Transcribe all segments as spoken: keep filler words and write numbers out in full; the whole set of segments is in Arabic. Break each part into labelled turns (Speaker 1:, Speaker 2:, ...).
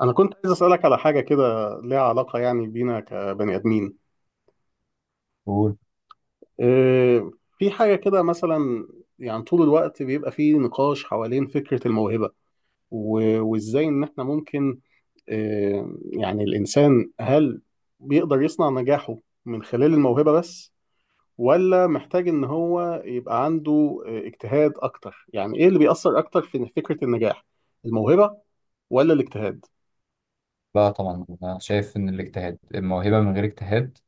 Speaker 1: أنا كنت عايز أسألك على حاجة كده ليها علاقة يعني بينا كبني آدمين.
Speaker 2: قول.
Speaker 1: إيه، في حاجة كده مثلا. يعني طول الوقت بيبقى فيه نقاش حوالين فكرة الموهبة و- وإزاي إن إحنا ممكن، إيه، يعني الإنسان هل بيقدر يصنع نجاحه من خلال الموهبة بس، ولا محتاج إن هو يبقى عنده إيه، اجتهاد أكتر. يعني إيه اللي بيأثر أكتر في فكرة النجاح، الموهبة ولا الاجتهاد؟
Speaker 2: لا طبعا انا شايف ان الاجتهاد، الموهبه من غير اجتهاد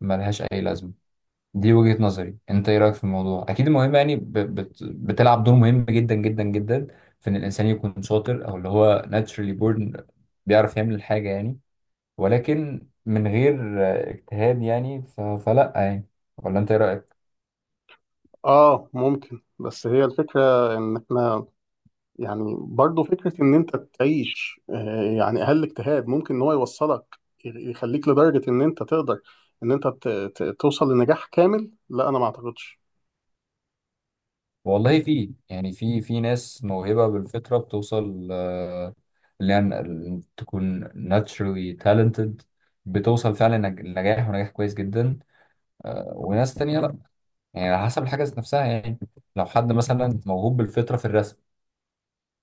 Speaker 2: ملهاش اي لازمه. دي وجهه نظري، انت ايه رايك في الموضوع؟ اكيد الموهبه يعني ب- بت- بتلعب دور مهم جدا جدا جدا في ان الانسان يكون شاطر، او اللي هو naturally born بيعرف يعمل الحاجه يعني. ولكن من غير اجتهاد يعني ف- فلا يعني. ولا انت ايه رايك؟
Speaker 1: آه ممكن. بس هي الفكرة إن إحنا يعني برضه فكرة إن أنت تعيش آه، يعني أقل اجتهاد ممكن إن هو يوصلك، يخليك لدرجة إن أنت تقدر، إن أنت ت- ت- توصل لنجاح كامل. لا أنا ما أعتقدش.
Speaker 2: والله في يعني في في ناس موهبة بالفطرة بتوصل، آه، اللي يعني تكون naturally talented، بتوصل فعلا لنج- لنجاح ونجاح كويس جدا. آه، وناس تانية لا، يعني على حسب الحاجة ذات نفسها يعني. لو حد مثلا موهوب بالفطرة في الرسم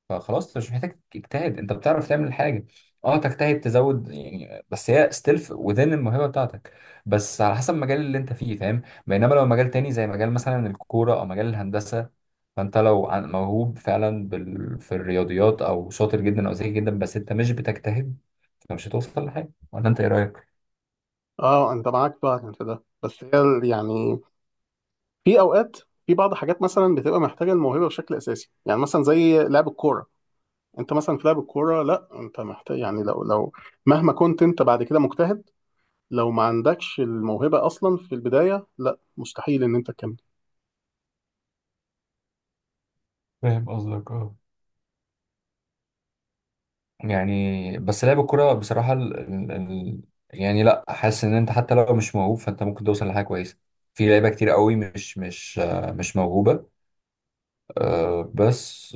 Speaker 2: فخلاص انت مش محتاج تجتهد، انت بتعرف تعمل حاجه. اه تجتهد تزود يعني، بس هي ستيل وذين الموهبه بتاعتك، بس على حسب المجال اللي انت فيه، فاهم؟ بينما لو مجال تاني زي مجال مثلا الكوره او مجال الهندسه، فانت لو عن- موهوب فعلا بال... في الرياضيات او شاطر جدا او ذكي جدا بس انت مش بتجتهد فمش هتوصل لحاجه. ولا انت ايه رايك؟
Speaker 1: أه أنت معاك بقى في ده. بس هي ال- يعني في أوقات، في بعض حاجات مثلا بتبقى محتاجة الموهبة بشكل أساسي، يعني مثلا زي لعب الكورة. أنت مثلا في لعب الكورة، لا أنت محتاج، يعني لو لو مهما كنت أنت بعد كده مجتهد، لو ما عندكش الموهبة أصلا في البداية لا مستحيل إن أنت تكمل.
Speaker 2: فاهم قصدك، اه. يعني بس لعب الكرة بصراحة، ال... ال... ال... يعني لا، حاسس ان انت حتى لو مش موهوب فانت ممكن توصل لحاجة كويسة. في لعيبة كتير قوي مش مش آه، مش موهوبة، آه، بس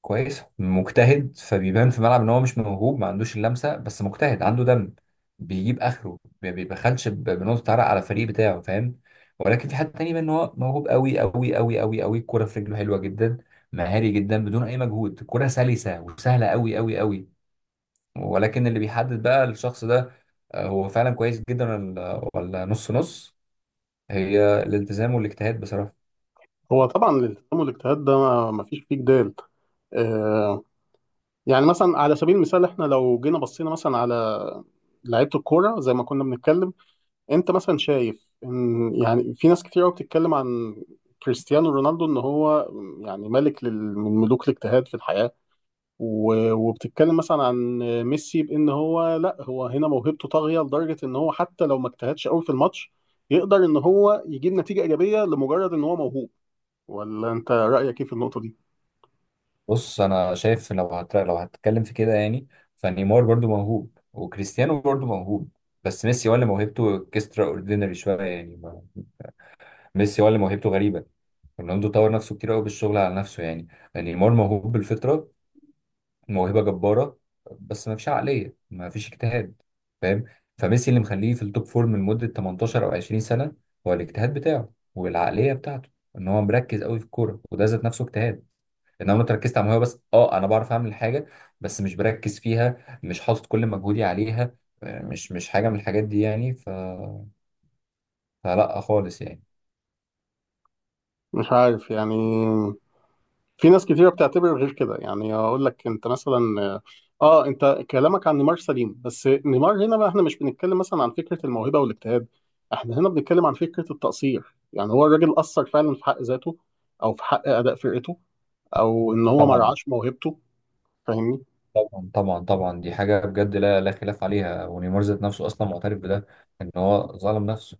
Speaker 2: كويس مجتهد، فبيبان في الملعب ان هو مش موهوب، ما عندوش اللمسة، بس مجتهد، عنده دم، بيجيب اخره، ما بيبخلش ب- بنقطة عرق على الفريق بتاعه، فاهم؟ ولكن في حد تاني بيبان ان هو موهوب قوي قوي قوي قوي قوي، الكرة في رجله حلوة جدا، مهاري جدا، بدون اي مجهود الكرة سلسة وسهلة قوي قوي قوي. ولكن اللي بيحدد بقى الشخص ده، آه، هو فعلا كويس جدا ولا ولا نص نص، هي الالتزام والاجتهاد بصراحة.
Speaker 1: هو طبعا الالتزام والاجتهاد ده ما ما فيش فيه جدال. آه، يعني مثلا على سبيل المثال احنا لو جينا بصينا مثلا على لعيبه الكوره زي ما كنا بنتكلم، انت مثلا شايف ان يعني في ناس كتير قوي بتتكلم عن كريستيانو رونالدو ان هو يعني ملك لل- من ملوك الاجتهاد في الحياه، و- وبتتكلم مثلا عن ميسي بان هو لا، هو هنا موهبته طاغيه لدرجه ان هو حتى لو ما اجتهدش قوي في الماتش يقدر ان هو يجيب نتيجه ايجابيه لمجرد ان هو موهوب. ولا انت رأيك ايه في النقطة دي؟
Speaker 2: بص انا شايف، لو هت... لو هتتكلم في كده يعني، فنيمار برضو موهوب، وكريستيانو برضو موهوب، بس ميسي ولا موهبته اكسترا اوردينري شوية يعني ما- ميسي ولا موهبته غريبة. رونالدو طور نفسه كتير قوي بالشغل على نفسه يعني. نيمار موهوب بالفطرة، موهبه جباره، بس ما فيش عقليه، ما فيش اجتهاد، فاهم؟ فميسي اللي مخليه في التوب فورم لمده تمنتاشر او عشرين سنه هو الاجتهاد بتاعه والعقليه بتاعته، ان هو مركز قوي في الكوره، وده ذات نفسه اجتهاد. ان انا ركزت على الموهبه بس، اه انا بعرف اعمل حاجه بس مش بركز فيها، مش حاطط كل مجهودي عليها، آه، مش مش حاجه من الحاجات دي يعني، ف... فلا خالص يعني.
Speaker 1: مش عارف يعني، في ناس كتيرة بتعتبر غير كده. يعني اقول لك انت مثلا، اه انت كلامك عن نيمار سليم، بس نيمار هنا بقى احنا مش بنتكلم مثلا عن فكرة الموهبة والاجتهاد، احنا هنا بنتكلم عن فكرة التقصير. يعني هو الراجل قصر فعلا في حق ذاته او في حق اداء فرقته او ان هو ما
Speaker 2: طبعا
Speaker 1: رعاش موهبته. فاهمني؟
Speaker 2: طبعا طبعا طبعا، دي حاجه بجد لا لا خلاف عليها، ونيمار ذات نفسه اصلا معترف بده، ان هو ظلم نفسه.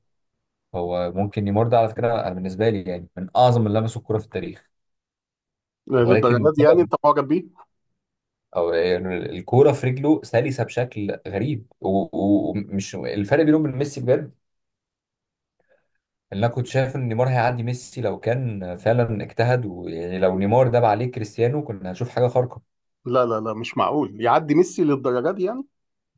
Speaker 2: هو ممكن نيمار ده على فكره انا بالنسبه لي يعني من اعظم اللي لمسوا الكوره في التاريخ، ولكن
Speaker 1: للدرجة دي يعني
Speaker 2: بسبب،
Speaker 1: انت معجب بيه؟
Speaker 2: او يعني الكوره في رجله سلسه بشكل غريب، و- و- ومش الفرق بينهم وبين ميسي بجد، ان انا كنت شايف ان نيمار هيعدي ميسي لو كان فعلا اجتهد، ويعني لو نيمار داب عليه كريستيانو كنا هنشوف حاجه خارقه.
Speaker 1: لا، لا، لا، مش معقول يعدي ميسي للدرجة دي يعني.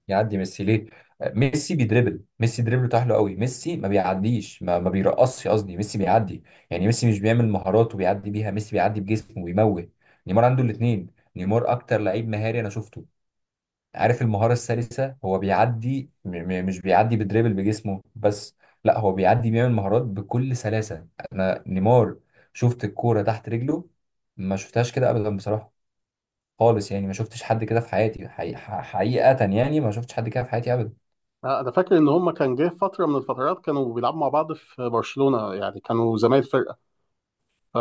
Speaker 2: يعدي ميسي ليه؟ آه، ميسي بيدربل، ميسي دريبله حلو قوي، ميسي ما بيعديش، ما, ما بيرقصش قصدي، ميسي بيعدي، يعني ميسي مش بيعمل مهارات وبيعدي بيها، ميسي بيعدي بجسمه وبيموه. نيمار عنده الاثنين. نيمار اكتر لعيب مهاري انا شفته، عارف المهارة السلسة، هو بيعدي، م م مش بيعدي بدريبل بجسمه بس، لا هو بيعدي، بيعمل مهارات بكل سلاسة. انا نيمار شفت الكورة تحت رجله، ما شفتهاش كده ابدا بصراحة خالص يعني، ما شفتش حد كده في حياتي، حقيقة حقيقة يعني ما شفتش حد كده في حياتي ابدا.
Speaker 1: آه، انا فاكر ان هما كان جه فتره من الفترات كانوا بيلعبوا مع بعض في برشلونه، يعني كانوا زمايل فرقه.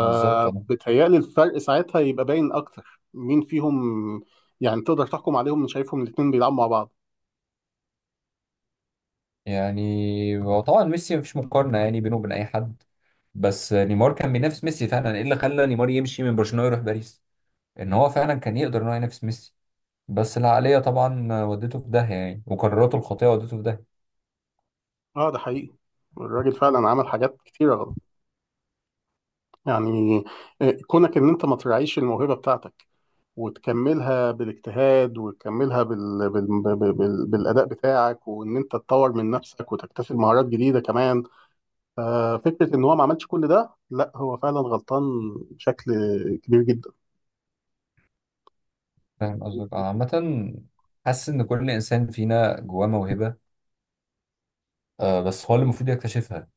Speaker 2: بالظبط اه.
Speaker 1: الفرق ساعتها يبقى باين اكتر مين فيهم. يعني تقدر تحكم عليهم من شايفهم الاتنين بيلعبوا مع بعض.
Speaker 2: يعني هو طبعا ميسي مفيش مقارنة يعني بينه وبين أي حد، بس نيمار كان بينافس ميسي فعلا. إيه اللي خلى نيمار يمشي من برشلونة يروح باريس؟ إن هو فعلا كان يقدر إن هو ينافس ميسي، بس العقلية طبعا ودته في داهية يعني، وقراراته الخاطئة ودته في داهية.
Speaker 1: اه ده حقيقي، الراجل فعلا عمل حاجات كتيره غلط، يعني آه، كونك ان انت ما تراعيش الموهبه بتاعتك وتكملها بالاجتهاد وتكملها بال... بال... بال... بال... بالاداء بتاعك، وان انت تطور من نفسك وتكتسب مهارات جديده كمان. ففكرة إن هو ما عملش كل ده، لا هو فعلا غلطان بشكل كبير جدا.
Speaker 2: فاهم قصدك. آه، عامة حاسس إن كل إنسان فينا جواه موهبة، آه، بس هو اللي المفروض يكتشفها.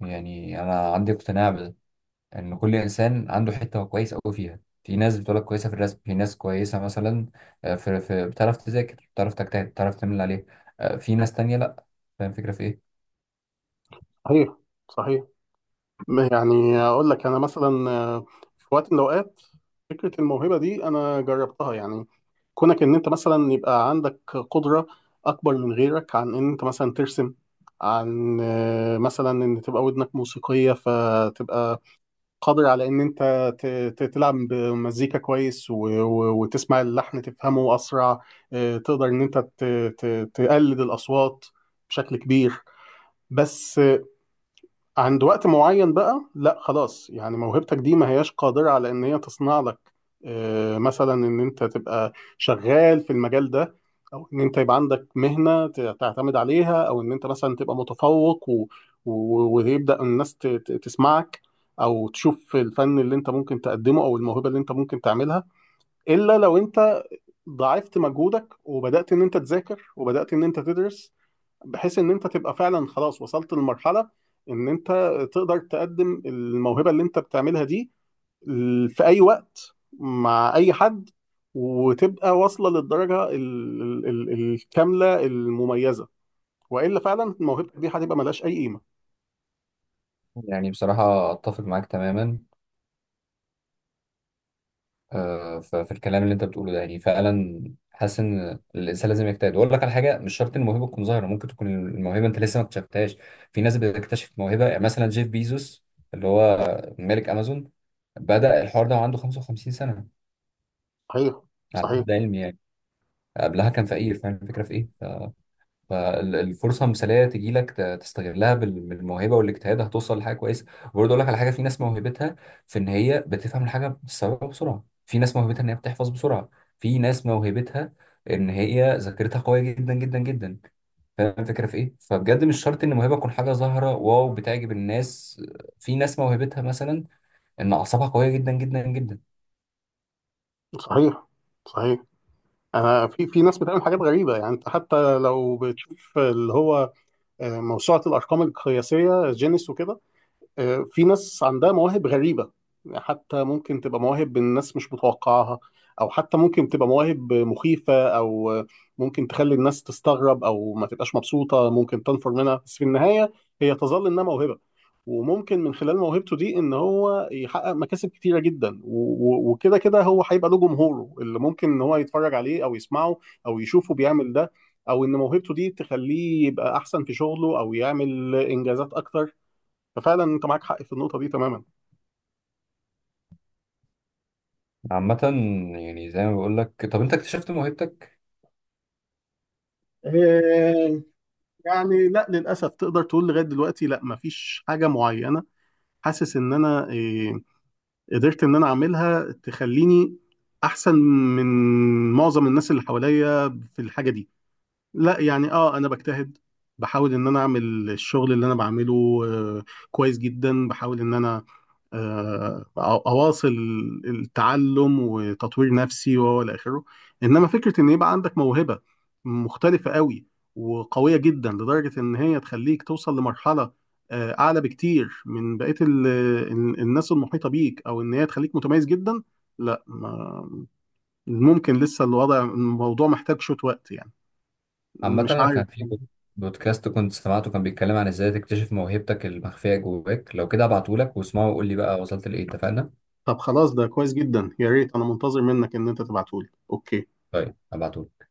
Speaker 2: يعني أنا عندي اقتناع ان كل انسان عنده حته هو كويس قوي فيها. في ناس بتقولك كويسه في الرسم، في ناس كويسه مثلا آه، في في بتعرف تذاكر، بتعرف تجتهد، بتعرف تعمل اللي عليه، آه، في ناس تانية لا. فاهم الفكره في ايه؟
Speaker 1: صحيح، صحيح. ما- يعني أقول لك أنا مثلا، آه، في وقت من الأوقات فكرة الموهبة دي أنا جربتها، يعني كونك إن أنت مثلا يبقى عندك قدرة أكبر من غيرك، عن إن أنت مثلا ترسم، عن آه، مثلا إن تبقى ودنك موسيقية فتبقى قادر على ان انت ت- ت- تلعب بمزيكا كويس، و- و- وتسمع اللحن تفهمه اسرع. آه، تقدر ان انت ت- ت- تقلد الاصوات بشكل كبير. بس عند وقت معين بقى لا خلاص، يعني موهبتك دي ما هياش قادرة على ان هي تصنع لك آه، مثلا ان انت تبقى شغال في المجال ده، او ان انت يبقى عندك مهنة ت- تعتمد عليها، او ان انت مثلا تبقى متفوق و... و... ويبدأ الناس ت... ت- تسمعك، او تشوف الفن اللي انت ممكن تقدمه او الموهبة اللي انت ممكن تعملها، الا لو انت ضاعفت مجهودك وبدأت ان انت تذاكر وبدأت ان انت تدرس، بحيث ان انت تبقى فعلا خلاص وصلت لمرحلة ان انت تقدر تقدم الموهبة اللي انت بتعملها دي ال- في اي وقت مع اي حد، وتبقى واصلة للدرجة ال- ال- ال- الكاملة المميزة. والا فعلا موهبتك دي هتبقى ملهاش اي قيمة.
Speaker 2: يعني بصراحه اتفق معاك تماما آه، ف- في الكلام اللي انت بتقوله ده، يعني فعلا حاسس ان الانسان لازم يجتهد. واقول لك على حاجه، مش شرط الموهبه تكون ظاهره، ممكن تكون الموهبه انت لسه ما اكتشفتهاش. في ناس بتكتشف موهبه، يعني مثلا جيف بيزوس اللي هو مالك امازون بدأ الحوار ده وعنده خمسة وخمسين سنه
Speaker 1: صحيح،
Speaker 2: على
Speaker 1: صحيح،
Speaker 2: حد علمي يعني. قبلها كان فقير. فاهم الفكره في ايه؟ ف- فالفرصه مثاليه تجي لك، تستغلها بال- بالموهبه والاجتهاد هتوصل لحاجه كويسه. وبرضه اقول لك على حاجه، في ناس موهبتها في ان هي بتفهم الحاجه بتستوعبها بسرعه، في ناس موهبتها ان هي بتحفظ بسرعه، في ناس موهبتها ان هي ذاكرتها قويه جدا جدا جدا. فاهم الفكره في ايه؟ فبجد مش شرط ان الموهبه تكون حاجه ظاهره واو بتعجب الناس. في ناس موهبتها مثلا ان اعصابها قويه جدا جدا جدا.
Speaker 1: صحيح، صحيح. انا في في ناس بتعمل حاجات غريبه، يعني انت حتى لو بتشوف اللي هو آه، موسوعه الارقام القياسيه جينيس وكده. آه، في ناس عندها مواهب غريبة، حتى ممكن تبقى مواهب الناس مش متوقعها، أو حتى ممكن تبقى مواهب مخيفة، أو آه، ممكن تخلي الناس تستغرب أو ما تبقاش مبسوطة، ممكن تنفر منها. بس في النهاية هي تظل إنها موهبة، وممكن من خلال موهبته دي إن هو يحقق مكاسب كتيرة جدا، و- و- وكده كده هو هيبقى له جمهوره اللي ممكن إن هو يتفرج عليه أو يسمعه أو يشوفه بيعمل ده، أو إن موهبته دي تخليه يبقى أحسن في شغله أو يعمل إنجازات أكتر. ففعلا انت معاك حق في النقطه دي تماما.
Speaker 2: عامة يعني زي ما بقول لك، طب انت اكتشفت موهبتك؟
Speaker 1: آه، يعني لا، للاسف تقدر تقول لغايه دلوقتي لا، مفيش حاجه معينه حاسس ان انا آه، قدرت ان انا اعملها تخليني احسن من معظم الناس اللي حواليا في الحاجه دي. لا يعني اه انا بجتهد، بحاول ان انا اعمل الشغل اللي انا بعمله آه، كويس جدا، بحاول ان انا آه، أو- اواصل التعلم وتطوير نفسي وهو الى اخره. انما فكره ان يبقى عندك موهبه مختلفه قوي وقويه جدا لدرجه ان هي تخليك توصل لمرحله آه، اعلى بكتير من بقيه ال- ال- الناس المحيطه بيك، او ان هي تخليك متميز جدا. لا ما- ممكن لسه الوضع الموضوع محتاج شويه وقت، يعني
Speaker 2: عامة
Speaker 1: مش
Speaker 2: أنا
Speaker 1: عارف.
Speaker 2: كان في بود- بودكاست كنت سمعته كان بيتكلم عن إزاي تكتشف موهبتك المخفية جواك، لو كده أبعتهولك واسمعه وقول لي بقى وصلت لإيه، اتفقنا؟
Speaker 1: طب خلاص ده كويس جدا، يا ريت انا منتظر منك ان انت تبعتهولي اوكي.
Speaker 2: طيب أبعتهولك.